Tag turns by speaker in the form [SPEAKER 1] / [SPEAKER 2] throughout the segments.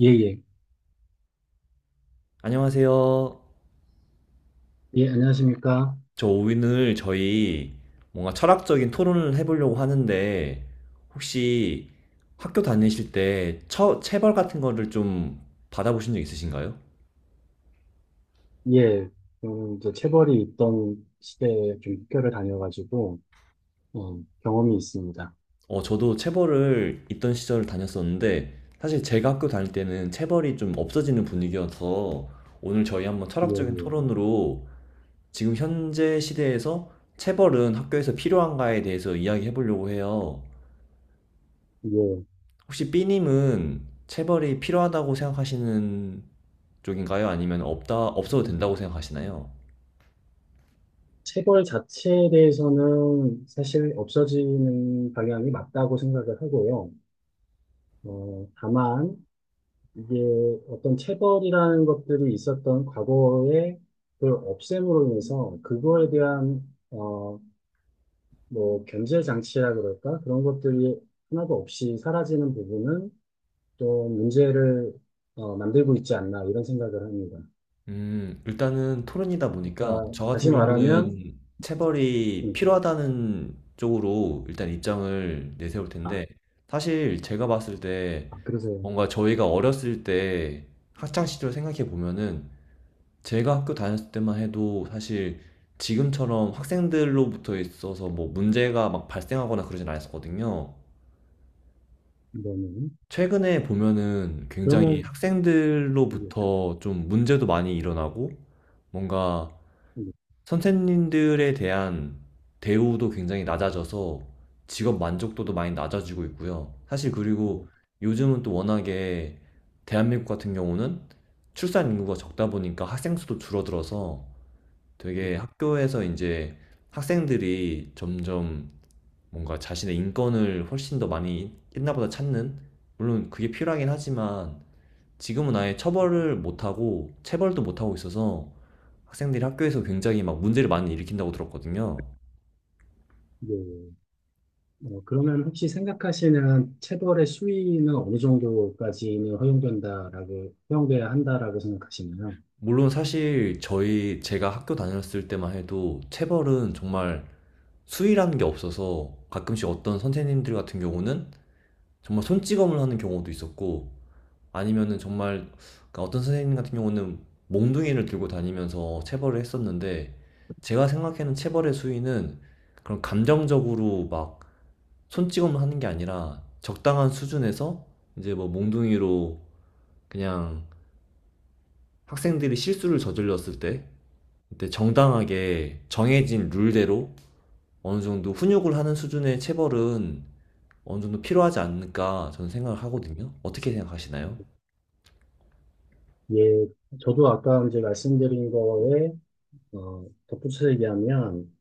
[SPEAKER 1] 예, 예.
[SPEAKER 2] 안녕하세요.
[SPEAKER 1] 예, 안녕하십니까.
[SPEAKER 2] 저 오늘 저희 뭔가 철학적인 토론을 해보려고 하는데, 혹시 학교 다니실 때 체벌 같은 거를 좀 받아보신 적 있으신가요?
[SPEAKER 1] 예, 이제 체벌이 있던 시대에 좀 학교를 다녀가지고, 경험이 있습니다.
[SPEAKER 2] 저도 체벌을 있던 시절을 다녔었는데, 사실 제가 학교 다닐 때는 체벌이 좀 없어지는 분위기여서, 오늘 저희 한번
[SPEAKER 1] 예,
[SPEAKER 2] 철학적인
[SPEAKER 1] 예.
[SPEAKER 2] 토론으로 지금 현재 시대에서 체벌은 학교에서 필요한가에 대해서 이야기해 보려고 해요.
[SPEAKER 1] 예.
[SPEAKER 2] 혹시 B님은 체벌이 필요하다고 생각하시는 쪽인가요? 아니면 없다, 없어도 된다고 생각하시나요?
[SPEAKER 1] 체벌 자체에 대해서는 사실 없어지는 방향이 맞다고 생각을 하고요. 다만, 이게 어떤 체벌이라는 것들이 있었던 과거의 그 없앰으로 인해서 그거에 대한, 뭐 견제 장치라 그럴까? 그런 것들이 하나도 없이 사라지는 부분은 또 문제를 만들고 있지 않나 이런 생각을 합니다.
[SPEAKER 2] 일단은 토론이다 보니까
[SPEAKER 1] 그러니까
[SPEAKER 2] 저 같은
[SPEAKER 1] 다시 말하면
[SPEAKER 2] 경우는 체벌이
[SPEAKER 1] 음,
[SPEAKER 2] 필요하다는 쪽으로 일단 입장을 내세울 텐데,
[SPEAKER 1] 아,
[SPEAKER 2] 사실 제가 봤을 때
[SPEAKER 1] 아 그러세요.
[SPEAKER 2] 뭔가 저희가 어렸을 때 학창 시절 생각해 보면은 제가 학교 다녔을 때만 해도 사실 지금처럼 학생들로부터 있어서 뭐 문제가 막 발생하거나 그러진 않았었거든요.
[SPEAKER 1] 이거는
[SPEAKER 2] 최근에 보면은 굉장히
[SPEAKER 1] 그러면 이게
[SPEAKER 2] 학생들로부터 좀 문제도 많이 일어나고 뭔가
[SPEAKER 1] 이게
[SPEAKER 2] 선생님들에 대한 대우도 굉장히 낮아져서 직업 만족도도 많이 낮아지고 있고요. 사실 그리고
[SPEAKER 1] 이게
[SPEAKER 2] 요즘은 또 워낙에 대한민국 같은 경우는 출산 인구가 적다 보니까 학생 수도 줄어들어서 되게
[SPEAKER 1] 이게,
[SPEAKER 2] 학교에서 이제 학생들이 점점 뭔가 자신의 인권을 훨씬 더 많이 옛날보다 찾는, 물론 그게 필요하긴 하지만 지금은 아예 처벌을 못하고 체벌도 못하고 있어서 학생들이 학교에서 굉장히 막 문제를 많이 일으킨다고 들었거든요.
[SPEAKER 1] 이게, 어, 그러면 혹시 생각하시는 체벌의 수위는 어느 정도까지는 허용된다라고 허용돼야 한다라고 생각하시나요?
[SPEAKER 2] 물론 사실 저희 제가 학교 다녔을 때만 해도 체벌은 정말 수위라는 게 없어서, 가끔씩 어떤 선생님들 같은 경우는 정말 손찌검을 하는 경우도 있었고, 아니면은 정말, 그러니까 어떤 선생님 같은 경우는 몽둥이를 들고 다니면서 체벌을 했었는데, 제가 생각하는 체벌의 수위는 그런 감정적으로 막 손찌검을 하는 게 아니라 적당한 수준에서 이제 뭐 몽둥이로 그냥 학생들이 실수를 저질렀을 때 그때 정당하게 정해진 룰대로 어느 정도 훈육을 하는 수준의 체벌은 어느 정도 필요하지 않을까 저는 생각을 하거든요. 어떻게 생각하시나요?
[SPEAKER 1] 예, 저도 아까 이제 말씀드린 거에 덧붙여 얘기하면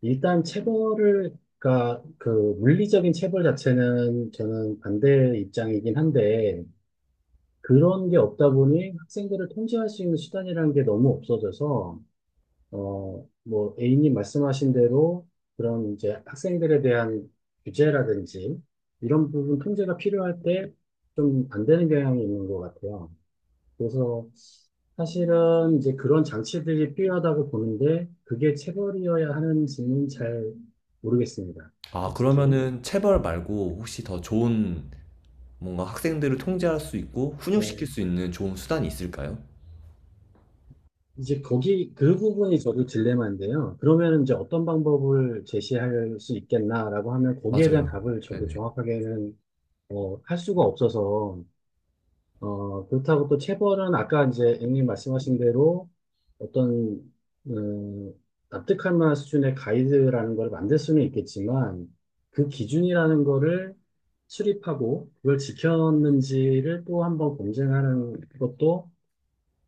[SPEAKER 1] 일단 체벌을 그러니까 그 물리적인 체벌 자체는 저는 반대 입장이긴 한데 그런 게 없다 보니 학생들을 통제할 수 있는 수단이라는 게 너무 없어져서 뭐 A님 말씀하신 대로 그런 이제 학생들에 대한 규제라든지 이런 부분 통제가 필요할 때 좀 안 되는 경향이 있는 것 같아요. 그래서 사실은 이제 그런 장치들이 필요하다고 보는데 그게 체벌이어야 하는지는 잘 모르겠습니다.
[SPEAKER 2] 아,
[SPEAKER 1] 솔직히.
[SPEAKER 2] 그러면은 체벌 말고 혹시 더 좋은, 뭔가 학생들을 통제할 수 있고 훈육시킬
[SPEAKER 1] 네.
[SPEAKER 2] 수 있는 좋은 수단이 있을까요?
[SPEAKER 1] 이제 거기 그 부분이 저도 딜레마인데요. 그러면 이제 어떤 방법을 제시할 수 있겠나라고 하면 거기에 대한
[SPEAKER 2] 맞아요.
[SPEAKER 1] 답을 저도
[SPEAKER 2] 네네.
[SPEAKER 1] 정확하게는 할 수가 없어서 그렇다고 또 체벌은 아까 이제 앵님 말씀하신 대로 어떤, 음, 납득할 만한 수준의 가이드라는 걸 만들 수는 있겠지만 그 기준이라는 거를 수립하고 그걸 지켰는지를 또 한번 검증하는 것도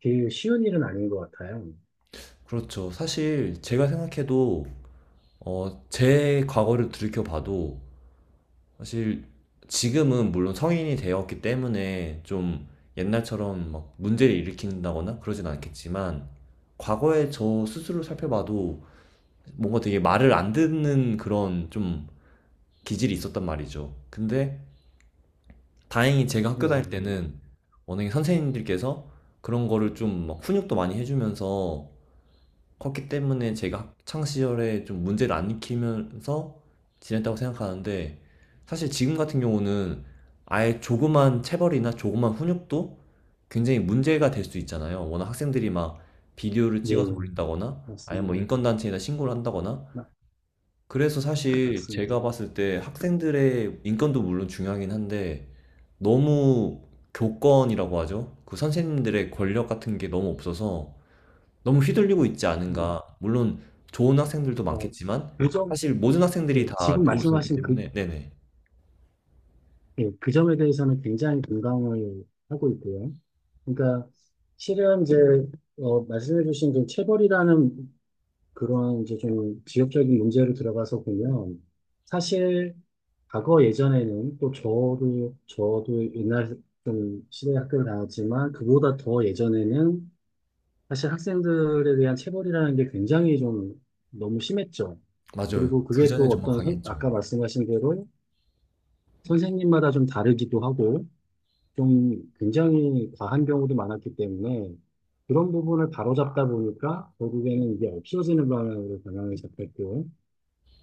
[SPEAKER 1] 그 쉬운 일은 아닌 것 같아요.
[SPEAKER 2] 그렇죠. 사실 제가 생각해도 제 과거를 들이켜봐도, 사실 지금은 물론 성인이 되었기 때문에 좀 옛날처럼 막 문제를 일으킨다거나 그러진 않겠지만, 과거에 저 스스로 살펴봐도 뭔가 되게 말을 안 듣는 그런 좀 기질이 있었단 말이죠. 근데 다행히 제가 학교 다닐
[SPEAKER 1] 예,
[SPEAKER 2] 때는 워낙에 선생님들께서 그런 거를 좀막 훈육도 많이 해주면서 컸기 때문에 제가 학창 시절에 좀 문제를 안 일으키면서 지냈다고 생각하는데, 사실 지금 같은 경우는 아예 조그만 체벌이나 조그만 훈육도 굉장히 문제가 될 수 있잖아요. 워낙 학생들이 막 비디오를
[SPEAKER 1] 예,
[SPEAKER 2] 찍어서
[SPEAKER 1] 예.
[SPEAKER 2] 올린다거나 아예 뭐
[SPEAKER 1] 맞습니다.
[SPEAKER 2] 인권단체에다 신고를 한다거나,
[SPEAKER 1] 맞,
[SPEAKER 2] 그래서 사실
[SPEAKER 1] 맞습니다.
[SPEAKER 2] 제가 봤을 때 학생들의 인권도 물론 중요하긴 한데, 너무, 교권이라고 하죠. 그 선생님들의 권력 같은 게 너무 없어서 너무 휘둘리고 있지
[SPEAKER 1] 네.
[SPEAKER 2] 않은가. 물론 좋은 학생들도
[SPEAKER 1] 어,
[SPEAKER 2] 많겠지만
[SPEAKER 1] 그 점,
[SPEAKER 2] 사실 모든 학생들이
[SPEAKER 1] 예,
[SPEAKER 2] 다
[SPEAKER 1] 지금
[SPEAKER 2] 좋을 수 없기
[SPEAKER 1] 말씀하신 그,
[SPEAKER 2] 때문에. 네네.
[SPEAKER 1] 예, 그 점에 대해서는 굉장히 공감을 하고 있고요. 그러니까 실은 이제 말씀해주신 그 체벌이라는 그런 이제 좀 지역적인 문제로 들어가서 보면 사실 과거 예전에는 또 저도 옛날 좀 시대 학교를 다녔지만 그보다 더 예전에는 사실 학생들에 대한 체벌이라는 게 굉장히 좀 너무 심했죠.
[SPEAKER 2] 맞아요.
[SPEAKER 1] 그리고
[SPEAKER 2] 그
[SPEAKER 1] 그게
[SPEAKER 2] 전에
[SPEAKER 1] 또
[SPEAKER 2] 정말
[SPEAKER 1] 어떤
[SPEAKER 2] 강했죠.
[SPEAKER 1] 아까 말씀하신 대로 선생님마다 좀 다르기도 하고 좀 굉장히 과한 경우도 많았기 때문에 그런 부분을 바로잡다 보니까 결국에는 이게 없어지는 방향으로 방향을 잡혔고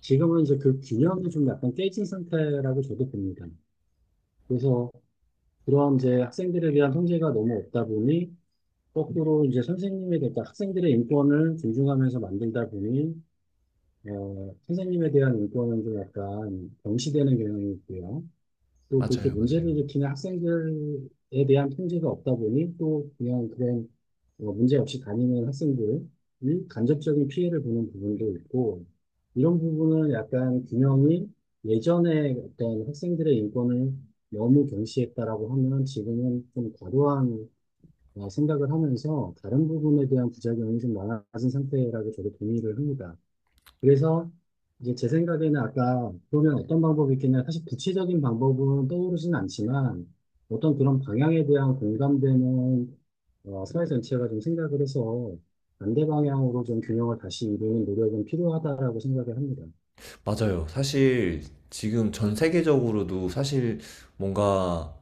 [SPEAKER 1] 지금은 이제 그 균형이 좀 약간 깨진 상태라고 저도 봅니다. 그래서 그런 이제 학생들에 대한 통제가 너무 없다 보니 거꾸로 이제 선생님에 대한 그러니까 학생들의 인권을 존중하면서 만들다 보니 선생님에 대한 인권은 좀 약간 경시되는 경향이 있고요. 또 그렇게
[SPEAKER 2] 맞아요,
[SPEAKER 1] 문제를
[SPEAKER 2] 맞아요.
[SPEAKER 1] 일으키는 학생들에 대한 통제가 없다 보니 또 그냥 그런 문제 없이 다니는 학생들이 간접적인 피해를 보는 부분도 있고 이런 부분을 약간 균형이 예전에 어떤 학생들의 인권을 너무 경시했다라고 하면 지금은 좀 과도한 생각을 하면서 다른 부분에 대한 부작용이 좀 많아진 상태라고 저도 동의를 합니다. 그래서 이제 제 생각에는 아까 그러면 어떤 방법이 있겠냐. 사실 구체적인 방법은 떠오르진 않지만 어떤 그런 방향에 대한 공감되는 사회 전체가 좀 생각을 해서 반대 방향으로 좀 균형을 다시 이루는 노력은 필요하다라고 생각을 합니다.
[SPEAKER 2] 맞아요. 사실 지금 전 세계적으로도 사실 뭔가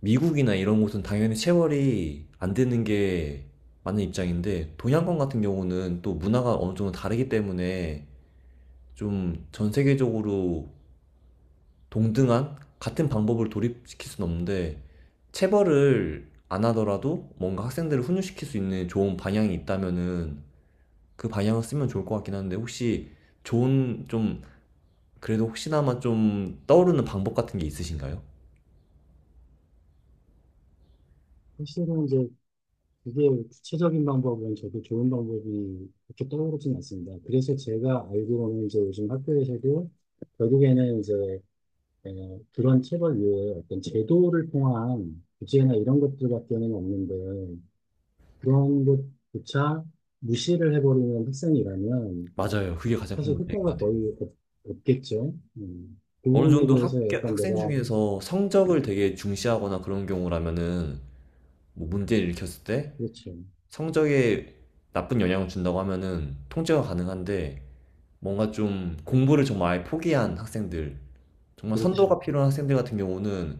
[SPEAKER 2] 미국이나 이런 곳은 당연히 체벌이 안 되는 게 맞는 입장인데, 동양권 같은 경우는 또 문화가 어느 정도 다르기 때문에 좀 전 세계적으로 동등한 같은 방법을 도입시킬 수는 없는데, 체벌을 안 하더라도 뭔가 학생들을 훈육시킬 수 있는 좋은 방향이 있다면은 그 방향을 쓰면 좋을 것 같긴 한데, 혹시 좋은 좀, 그래도 혹시나마 좀 떠오르는 방법 같은 게 있으신가요?
[SPEAKER 1] 사실은 이제 그게 구체적인 방법은 저도 좋은 방법이 그렇게 떠오르진 않습니다. 그래서 제가 알기로는 이제 요즘 학교에서도 결국에는 이제 예 그런 체벌 외에 어떤 제도를 통한 규제나 이런 것들밖에는 없는데 그런 것조차 무시를 해버리는 학생이라면
[SPEAKER 2] 맞아요. 그게 가장 큰
[SPEAKER 1] 사실
[SPEAKER 2] 문제인 것
[SPEAKER 1] 효과가
[SPEAKER 2] 같아요.
[SPEAKER 1] 거의 없겠죠. 그
[SPEAKER 2] 어느
[SPEAKER 1] 부분에
[SPEAKER 2] 정도
[SPEAKER 1] 대해서 약간
[SPEAKER 2] 학생
[SPEAKER 1] 내가
[SPEAKER 2] 중에서 성적을 되게 중시하거나 그런 경우라면은 뭐 문제를 일으켰을 때
[SPEAKER 1] 그렇죠,
[SPEAKER 2] 성적에 나쁜 영향을 준다고 하면은 통제가 가능한데, 뭔가 좀 공부를 정말 아예 포기한 학생들, 정말
[SPEAKER 1] 그렇죠,
[SPEAKER 2] 선도가 필요한 학생들 같은 경우는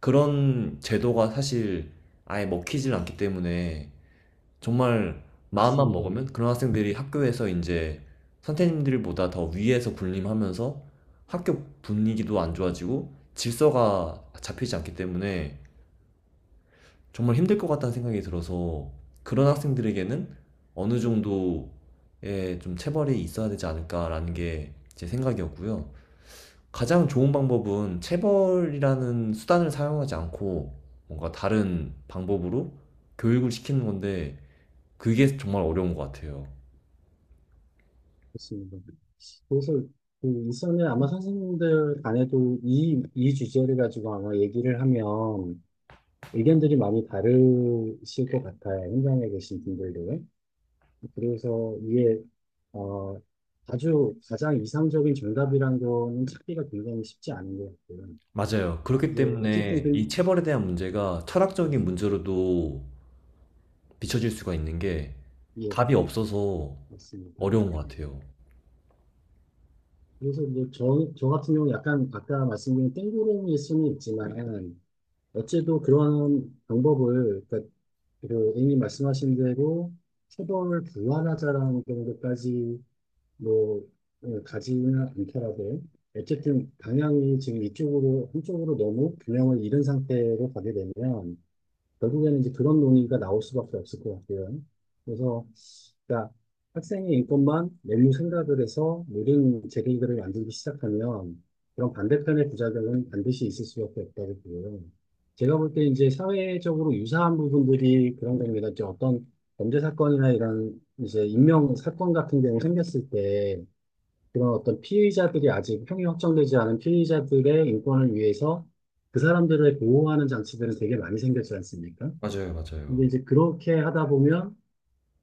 [SPEAKER 2] 그런 제도가 사실 아예 먹히질 않기 때문에, 정말 마음만
[SPEAKER 1] 맞습니다,
[SPEAKER 2] 먹으면 그런 학생들이 학교에서 이제 선생님들보다 더 위에서 군림하면서 학교 분위기도 안 좋아지고 질서가 잡히지 않기 때문에 정말 힘들 것 같다는 생각이 들어서, 그런 학생들에게는 어느 정도의 좀 체벌이 있어야 되지 않을까라는 게 제 생각이었고요. 가장 좋은 방법은 체벌이라는 수단을 사용하지 않고 뭔가 다른 방법으로 교육을 시키는 건데, 그게 정말 어려운 것 같아요.
[SPEAKER 1] 맞습니다. 그래서 그 일선에 아마 선생님들 간에도 이 주제를 가지고 아마 얘기를 하면 의견들이 많이 다르실 것 같아요. 현장에 계신 분들도. 그래서 이게 어, 아주 가장 이상적인 정답이라는 거는 찾기가 굉장히 쉽지 않은 것 같고요.
[SPEAKER 2] 맞아요. 그렇기
[SPEAKER 1] 이제 어쨌든
[SPEAKER 2] 때문에 이
[SPEAKER 1] 그,
[SPEAKER 2] 체벌에 대한 문제가
[SPEAKER 1] 네,
[SPEAKER 2] 철학적인 문제로도 비춰질 수가 있는 게,
[SPEAKER 1] 예,
[SPEAKER 2] 답이 없어서
[SPEAKER 1] 맞습니다.
[SPEAKER 2] 어려운 것 같아요.
[SPEAKER 1] 그래서 이제 저 같은 경우는 약간 아까 말씀드린 땡구름일 수는 있지만 어째도 그런 방법을 그러니까 그 A님 말씀하신 대로 체벌을 부활하자라는 정도까지 뭐 가지는 않더라도 어쨌든 방향이 지금 이쪽으로 한쪽으로 너무 균형을 잃은 상태로 가게 되면 결국에는 이제 그런 논의가 나올 수밖에 없을 것 같아요. 그래서 그러니까 학생의 인권만 메뉴 생각을 해서 모든 제도들을 만들기 시작하면 그런 반대편의 부작용은 반드시 있을 수밖에 없다고 보고요. 제가 볼 때 이제 사회적으로 유사한 부분들이 그런 겁니다. 이제 어떤 범죄 사건이나 이런 이제 인명 사건 같은 경우 생겼을 때 그런 어떤 피해자들이 아직 형이 확정되지 않은 피해자들의 인권을 위해서 그 사람들을 보호하는 장치들은 되게 많이 생겼지 않습니까?
[SPEAKER 2] 맞아요, 맞아요.
[SPEAKER 1] 근데 이제 그렇게 하다 보면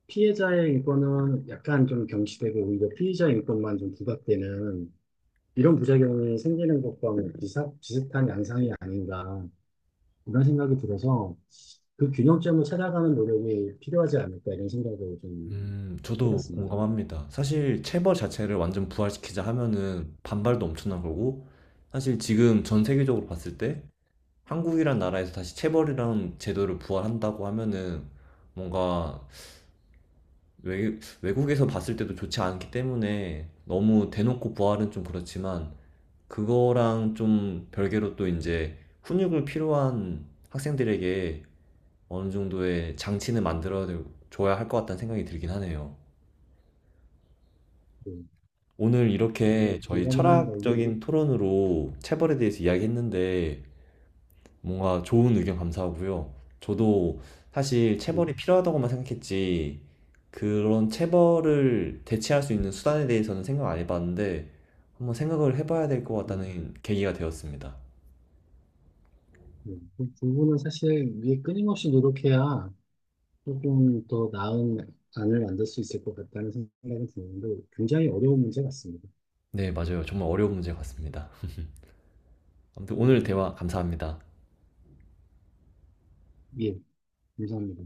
[SPEAKER 1] 피해자의 인권은 약간 좀 경시되고 오히려 피의자 인권만 좀 부각되는 이런 부작용이 생기는 것과 비슷한 양상이 아닌가 이런 생각이 들어서 그 균형점을 찾아가는 노력이 필요하지 않을까 이런 생각을 좀
[SPEAKER 2] 저도
[SPEAKER 1] 해봤습니다.
[SPEAKER 2] 공감합니다. 사실 체벌 자체를 완전 부활시키자 하면은 반발도 엄청난 거고, 사실 지금 전 세계적으로 봤을 때 한국이란 나라에서 다시 체벌이란 제도를 부활한다고 하면은 뭔가 외국에서 봤을 때도 좋지 않기 때문에, 너무 대놓고 부활은 좀 그렇지만, 그거랑 좀 별개로 또 이제 훈육을 필요한 학생들에게 어느 정도의 장치는 만들어 줘야 할 것 같다는 생각이 들긴 하네요.
[SPEAKER 1] 네,
[SPEAKER 2] 오늘 이렇게
[SPEAKER 1] 그거
[SPEAKER 2] 저희
[SPEAKER 1] 공감을 하는 걸로.
[SPEAKER 2] 철학적인 토론으로 체벌에 대해서 이야기했는데, 뭔가 좋은 의견 감사하고요. 저도 사실
[SPEAKER 1] 네,
[SPEAKER 2] 체벌이 필요하다고만 생각했지, 그런 체벌을 대체할 수 있는 수단에 대해서는 생각 안 해봤는데 한번 생각을 해봐야 될 것
[SPEAKER 1] 네.
[SPEAKER 2] 같다는 계기가 되었습니다.
[SPEAKER 1] 네, 그 부분은 사실 위에 끊임없이 노력해야 조금 더 나은 안을 만들 수 있을 것 같다는 생각이 드는데 굉장히 어려운 문제 같습니다.
[SPEAKER 2] 네, 맞아요. 정말 어려운 문제 같습니다. 아무튼 오늘
[SPEAKER 1] 음,
[SPEAKER 2] 대화 감사합니다.
[SPEAKER 1] 예, 감사합니다.